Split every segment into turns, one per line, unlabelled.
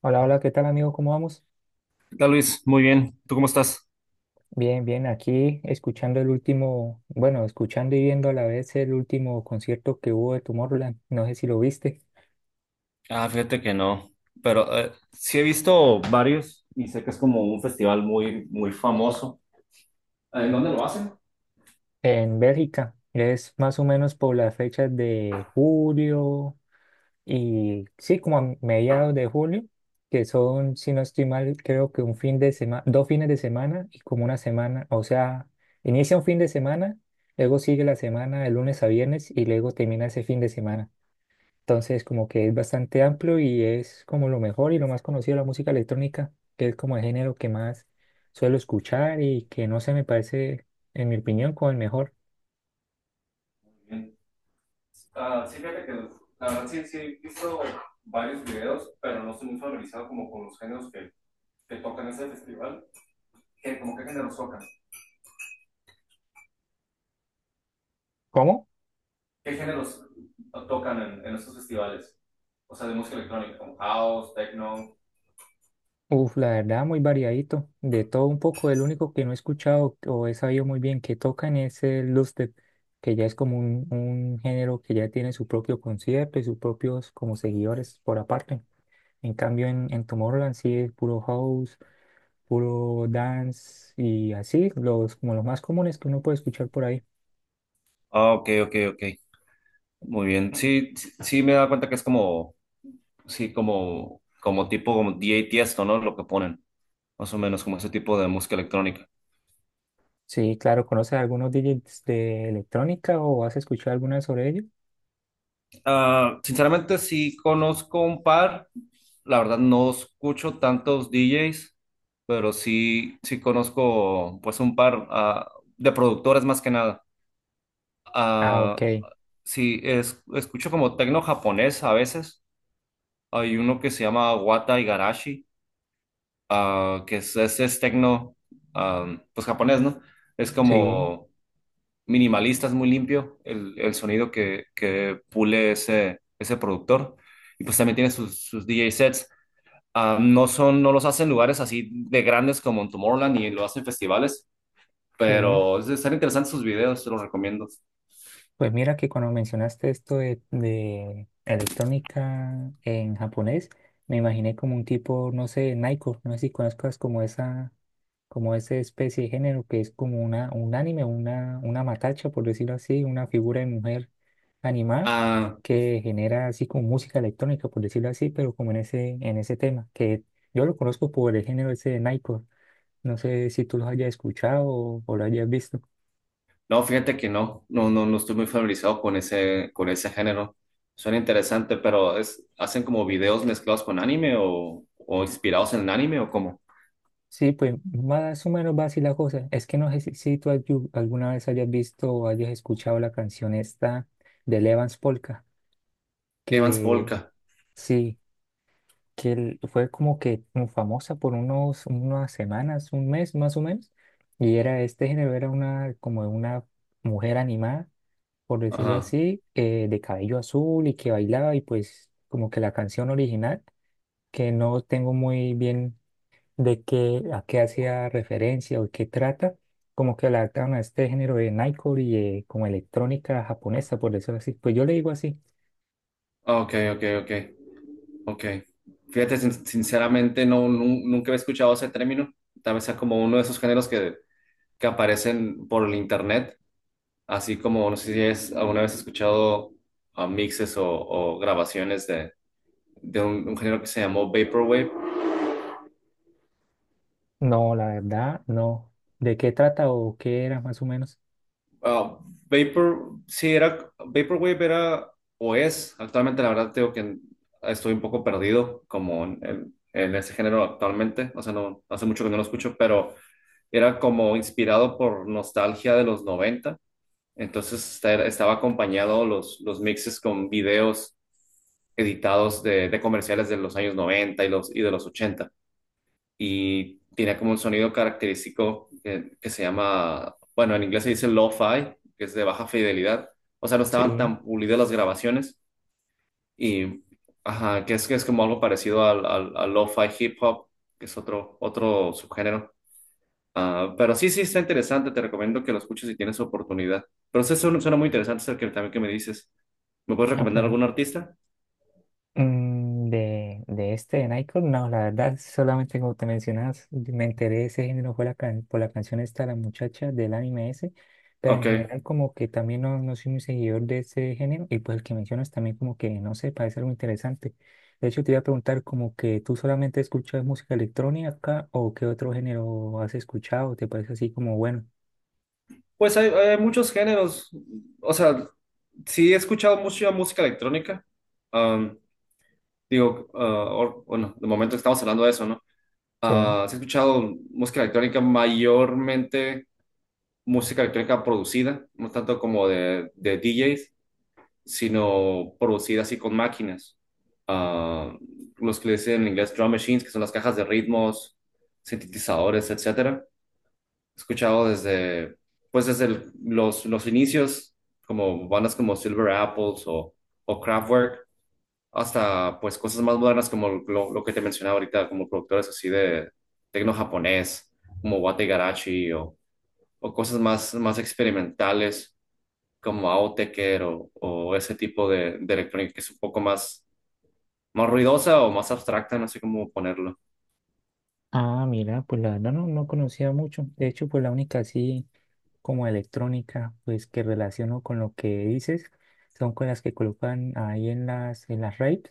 Hola, hola, ¿qué tal amigo? ¿Cómo vamos?
¿Qué tal, Luis? Muy bien. ¿Tú cómo estás?
Bien, bien, aquí escuchando el último, bueno, escuchando y viendo a la vez el último concierto que hubo de Tomorrowland, no sé si lo viste,
Ah, fíjate que no. Pero sí he visto varios y sé que es como un festival muy, muy famoso. ¿En dónde lo hacen?
en Bélgica. Es más o menos por las fechas de julio y sí, como a mediados de julio, que son, si no estoy mal, creo que un fin de semana, dos fines de semana y como una semana, o sea, inicia un fin de semana, luego sigue la semana de lunes a viernes y luego termina ese fin de semana. Entonces, como que es bastante amplio y es como lo mejor y lo más conocido de la música electrónica, que es como el género que más suelo escuchar y que no se me parece, en mi opinión, como el mejor.
Bien. Ah, sí, fíjate que la verdad sí, sí he visto varios videos, pero no estoy muy familiarizado como con los géneros que tocan ese festival. ¿Qué, como qué géneros tocan?
¿Cómo?
¿Qué géneros tocan en estos festivales? O sea, de música electrónica, como house, techno.
Uf, la verdad, muy variadito, de todo un poco. El único que no he escuchado o he sabido muy bien que tocan es el dubstep, que ya es como un género que ya tiene su propio concierto y sus propios como seguidores por aparte. En cambio, en Tomorrowland sí es puro house puro dance y así, los, como los más comunes que uno puede escuchar por ahí.
Ah, ok, ok, ok. Muy bien. Sí, sí, sí me he dado cuenta que es como sí, como, como tipo como DJ Tiesto, ¿no? Lo que ponen, más o menos como ese tipo de música electrónica.
Sí, claro, ¿conoces algunos DJs de electrónica o has escuchado alguna sobre ellos?
Ah, sinceramente, sí conozco un par, la verdad no escucho tantos DJs, pero sí, sí conozco pues un par de productores más que nada.
Ah, ok,
Ah, sí, escucho como tecno japonés a veces. Hay uno que se llama Wata Igarashi, que es tecno, ah, pues japonés, ¿no? Es
sí,
como minimalista, es muy limpio el sonido que pule ese productor. Y pues también tiene sus DJ sets. Ah, no son, no los hacen en lugares así de grandes como en Tomorrowland y lo hacen en festivales,
sí.
pero están interesantes sus videos, te los recomiendo.
Pues mira que cuando mencionaste esto de electrónica en japonés, me imaginé como un tipo, no sé, Naiko, no sé si conozcas como esa especie de género que es como una, un anime, una matacha, por decirlo así, una figura de mujer animada
Ah,
que genera así como música electrónica, por decirlo así, pero como en ese tema, que yo lo conozco por el género ese de Nightcore. No sé si tú los hayas escuchado o lo hayas visto.
no, fíjate que no, no, no, no estoy muy familiarizado con ese género. Suena interesante, pero es, ¿hacen como videos mezclados con anime o inspirados en el anime o cómo?
Sí, pues más o menos va así la cosa. Es que no sé si, si tú alguna vez hayas visto o hayas escuchado la canción esta de Levance Polka,
Evans
que
Polka.
sí. Que él fue como que como famosa por unos, unas semanas, un mes más o menos, y era este género, era una como una mujer animada, por decirlo
Ajá.
así, de cabello azul y que bailaba y pues como que la canción original, que no tengo muy bien de qué, a qué hacía referencia o qué trata, como que la adaptaron a este género de Nightcore y como electrónica japonesa, por decirlo así, pues yo le digo así,
Ah, ok, ok, ok. Ok. Fíjate, sinceramente, no, nunca he escuchado ese término. Tal vez sea como uno de esos géneros que aparecen por el internet, así como no sé si es, alguna vez he escuchado mixes o grabaciones de un género que se llamó Vaporwave.
no, la verdad, no, de qué trata o qué era más o menos.
Ah, Vapor, sí, era, Vaporwave era o es, actualmente la verdad tengo que estoy un poco perdido como en, en ese género actualmente, o sea, no, hace mucho que no lo escucho, pero era como inspirado por nostalgia de los 90, entonces estaba acompañado los mixes con videos editados de comerciales de los años 90 y, los, y de los 80 y tenía como un sonido característico que se llama, bueno, en inglés se dice lo-fi, que es de baja fidelidad, o sea, no estaban
Sí,
tan pulidas las grabaciones, y ajá, que es como algo parecido al, al, al lo-fi hip hop, que es otro, otro subgénero. Ah, pero sí, sí, está interesante. Te recomiendo que lo escuches si tienes oportunidad. Pero sí, suena, suena muy interesante eso que también que me dices. ¿Me puedes
ah,
recomendar
pues
algún artista?
de este, de Nightcrawler, no, la verdad, solamente como te mencionas, me enteré de ese género fue la por la canción esta, La Muchacha, del anime ese, pero en
Ok.
general como que también no, no soy muy seguidor de ese género, y pues el que mencionas también como que, no sé, parece algo interesante. De hecho, te iba a preguntar como que tú solamente escuchas música electrónica o qué otro género has escuchado, te parece así como bueno.
Pues hay muchos géneros. O sea, sí he escuchado mucha música electrónica. Am, digo, bueno, de momento estamos hablando de eso, ¿no?
Sí.
Ah, sí he escuchado música electrónica, mayormente música electrónica producida, no tanto como de DJs, sino producida así con máquinas. Ah, los que le dicen en inglés drum machines, que son las cajas de ritmos, sintetizadores, etcétera. He escuchado desde, pues desde los inicios, como bandas como Silver Apples o Kraftwerk, hasta pues cosas más modernas como lo que te mencionaba ahorita, como productores así de tecno japonés, como Wate Garachi o cosas más, más experimentales como Autechre o ese tipo de electrónica que es un poco más, más ruidosa o más abstracta, no sé cómo ponerlo.
Ah, mira, pues la verdad no, no conocía mucho. De hecho, pues la única sí. Como electrónica, pues que relaciono con lo que dices, son con las que colocan ahí en las raves,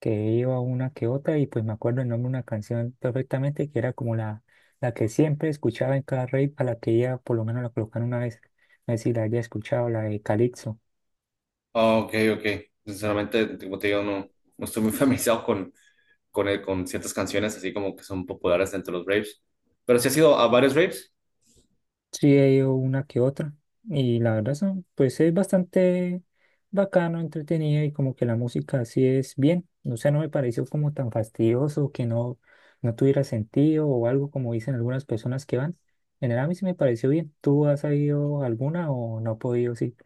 que iba una que otra, y pues me acuerdo el nombre de una canción perfectamente, que era como la que siempre escuchaba en cada rave, a la que ella por lo menos la colocaron una vez, no sé si la haya escuchado, la de Calypso.
Ah, ok, ok. Sinceramente, como te digo, no, no estoy muy familiarizado con, con ciertas canciones así como que son populares entre los raves. Pero sí has ido a varios raves.
Sí, he ido una que otra. Y la verdad son, pues es bastante bacano, entretenido y como que la música sí es bien. No sea, no me pareció como tan fastidioso que no, no tuviera sentido o algo como dicen algunas personas que van. En general a mí sí me pareció bien. ¿Tú has ido alguna o no has podido? Sí.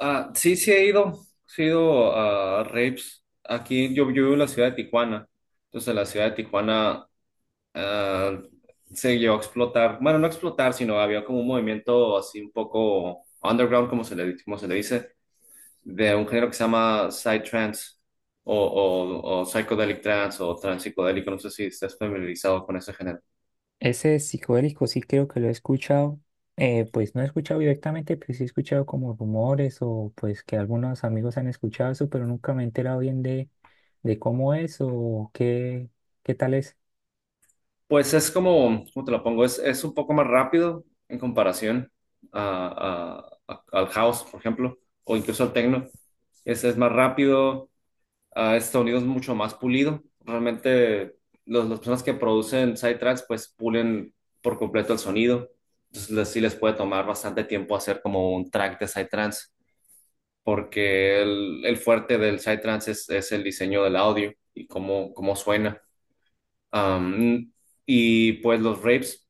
Ah, sí, sí he ido. Sí he ido a raves. Aquí yo, yo vivo en la ciudad de Tijuana. Entonces, en la ciudad de Tijuana ah, se llegó a explotar, bueno, no explotar, sino había como un movimiento así un poco underground, como se le dice, de un género que se llama psytrance o psychedelic trance o trance psicodélico, no sé si estás familiarizado con ese género.
Ese psicodélico sí creo que lo he escuchado, pues no he escuchado directamente, pero sí he escuchado como rumores o pues que algunos amigos han escuchado eso, pero nunca me he enterado bien de cómo es o qué, qué tal es.
Pues es como, ¿cómo te lo pongo? Es un poco más rápido en comparación al house, por ejemplo, o incluso al techno. Ese es más rápido, a este sonido es mucho más pulido. Realmente los, las personas que producen sidetracks pues pulen por completo el sonido. Entonces sí les puede tomar bastante tiempo hacer como un track de sidetracks porque el fuerte del sidetracks es el diseño del audio y cómo, cómo suena. Am, y pues los rapes,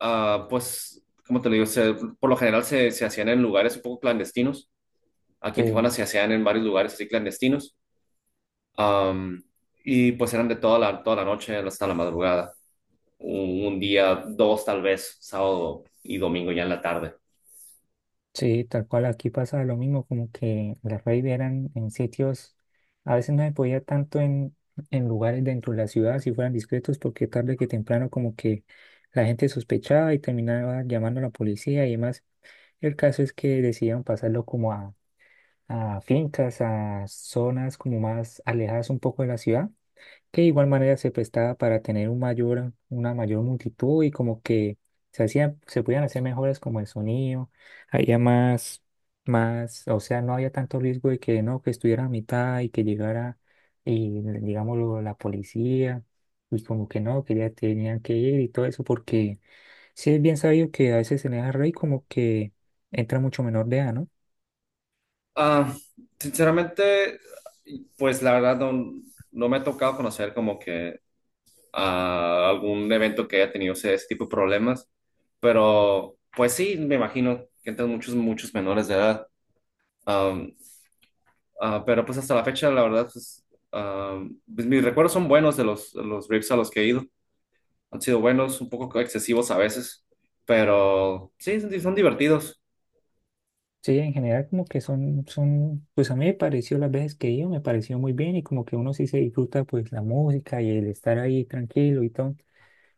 pues como te lo digo, por lo general se hacían en lugares un poco clandestinos. Aquí en Tijuana
Sí,
se hacían en varios lugares así clandestinos. Am, y pues eran de toda la noche hasta la madrugada. Un día, dos tal vez, sábado y domingo ya en la tarde.
sí, tal cual aquí pasa lo mismo, como que las raves eran en sitios, a veces no se podía tanto en lugares dentro de la ciudad si fueran discretos, porque tarde que temprano como que la gente sospechaba y terminaba llamando a la policía y demás. El caso es que decidieron pasarlo como a fincas, a zonas como más alejadas un poco de la ciudad, que de igual manera se prestaba para tener un mayor, una mayor multitud y como que se hacían, se podían hacer mejoras como el sonido, había más, más, o sea, no había tanto riesgo de que no, que estuviera a mitad y que llegara, y digámoslo, la policía, y como que no, que ya tenían que ir y todo eso porque sí, es bien sabido que a veces en esa rey como que entra mucho menor de edad, ¿no?
Ah, sinceramente, pues la verdad no, no me ha tocado conocer como que algún evento que haya tenido ese, ese tipo de problemas, pero pues sí, me imagino que entran muchos, muchos menores de edad. Am, pero pues hasta la fecha, la verdad, pues, pues, mis recuerdos son buenos de los raves a los que he ido. Han sido buenos, un poco excesivos a veces, pero sí, son son divertidos.
Sí, en general como que son, son, pues a mí me pareció las veces que he ido, me pareció muy bien y como que uno sí se disfruta pues la música y el estar ahí tranquilo y todo.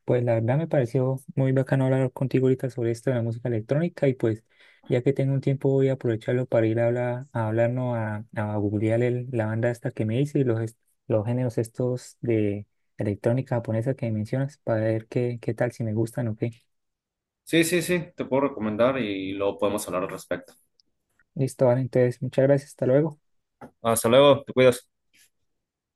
Pues la verdad me pareció muy bacano hablar contigo ahorita sobre esto de la música electrónica y pues ya que tengo un tiempo voy a aprovecharlo para ir a hablar, a hablarnos a googlear la banda esta que me hice y los, los géneros estos de electrónica japonesa que mencionas para ver qué, qué tal, si me gustan o qué.
Sí, sí, sí, te puedo recomendar y luego podemos hablar al respecto.
Listo, vale, entonces, muchas gracias, hasta luego.
Hasta luego, te cuidas.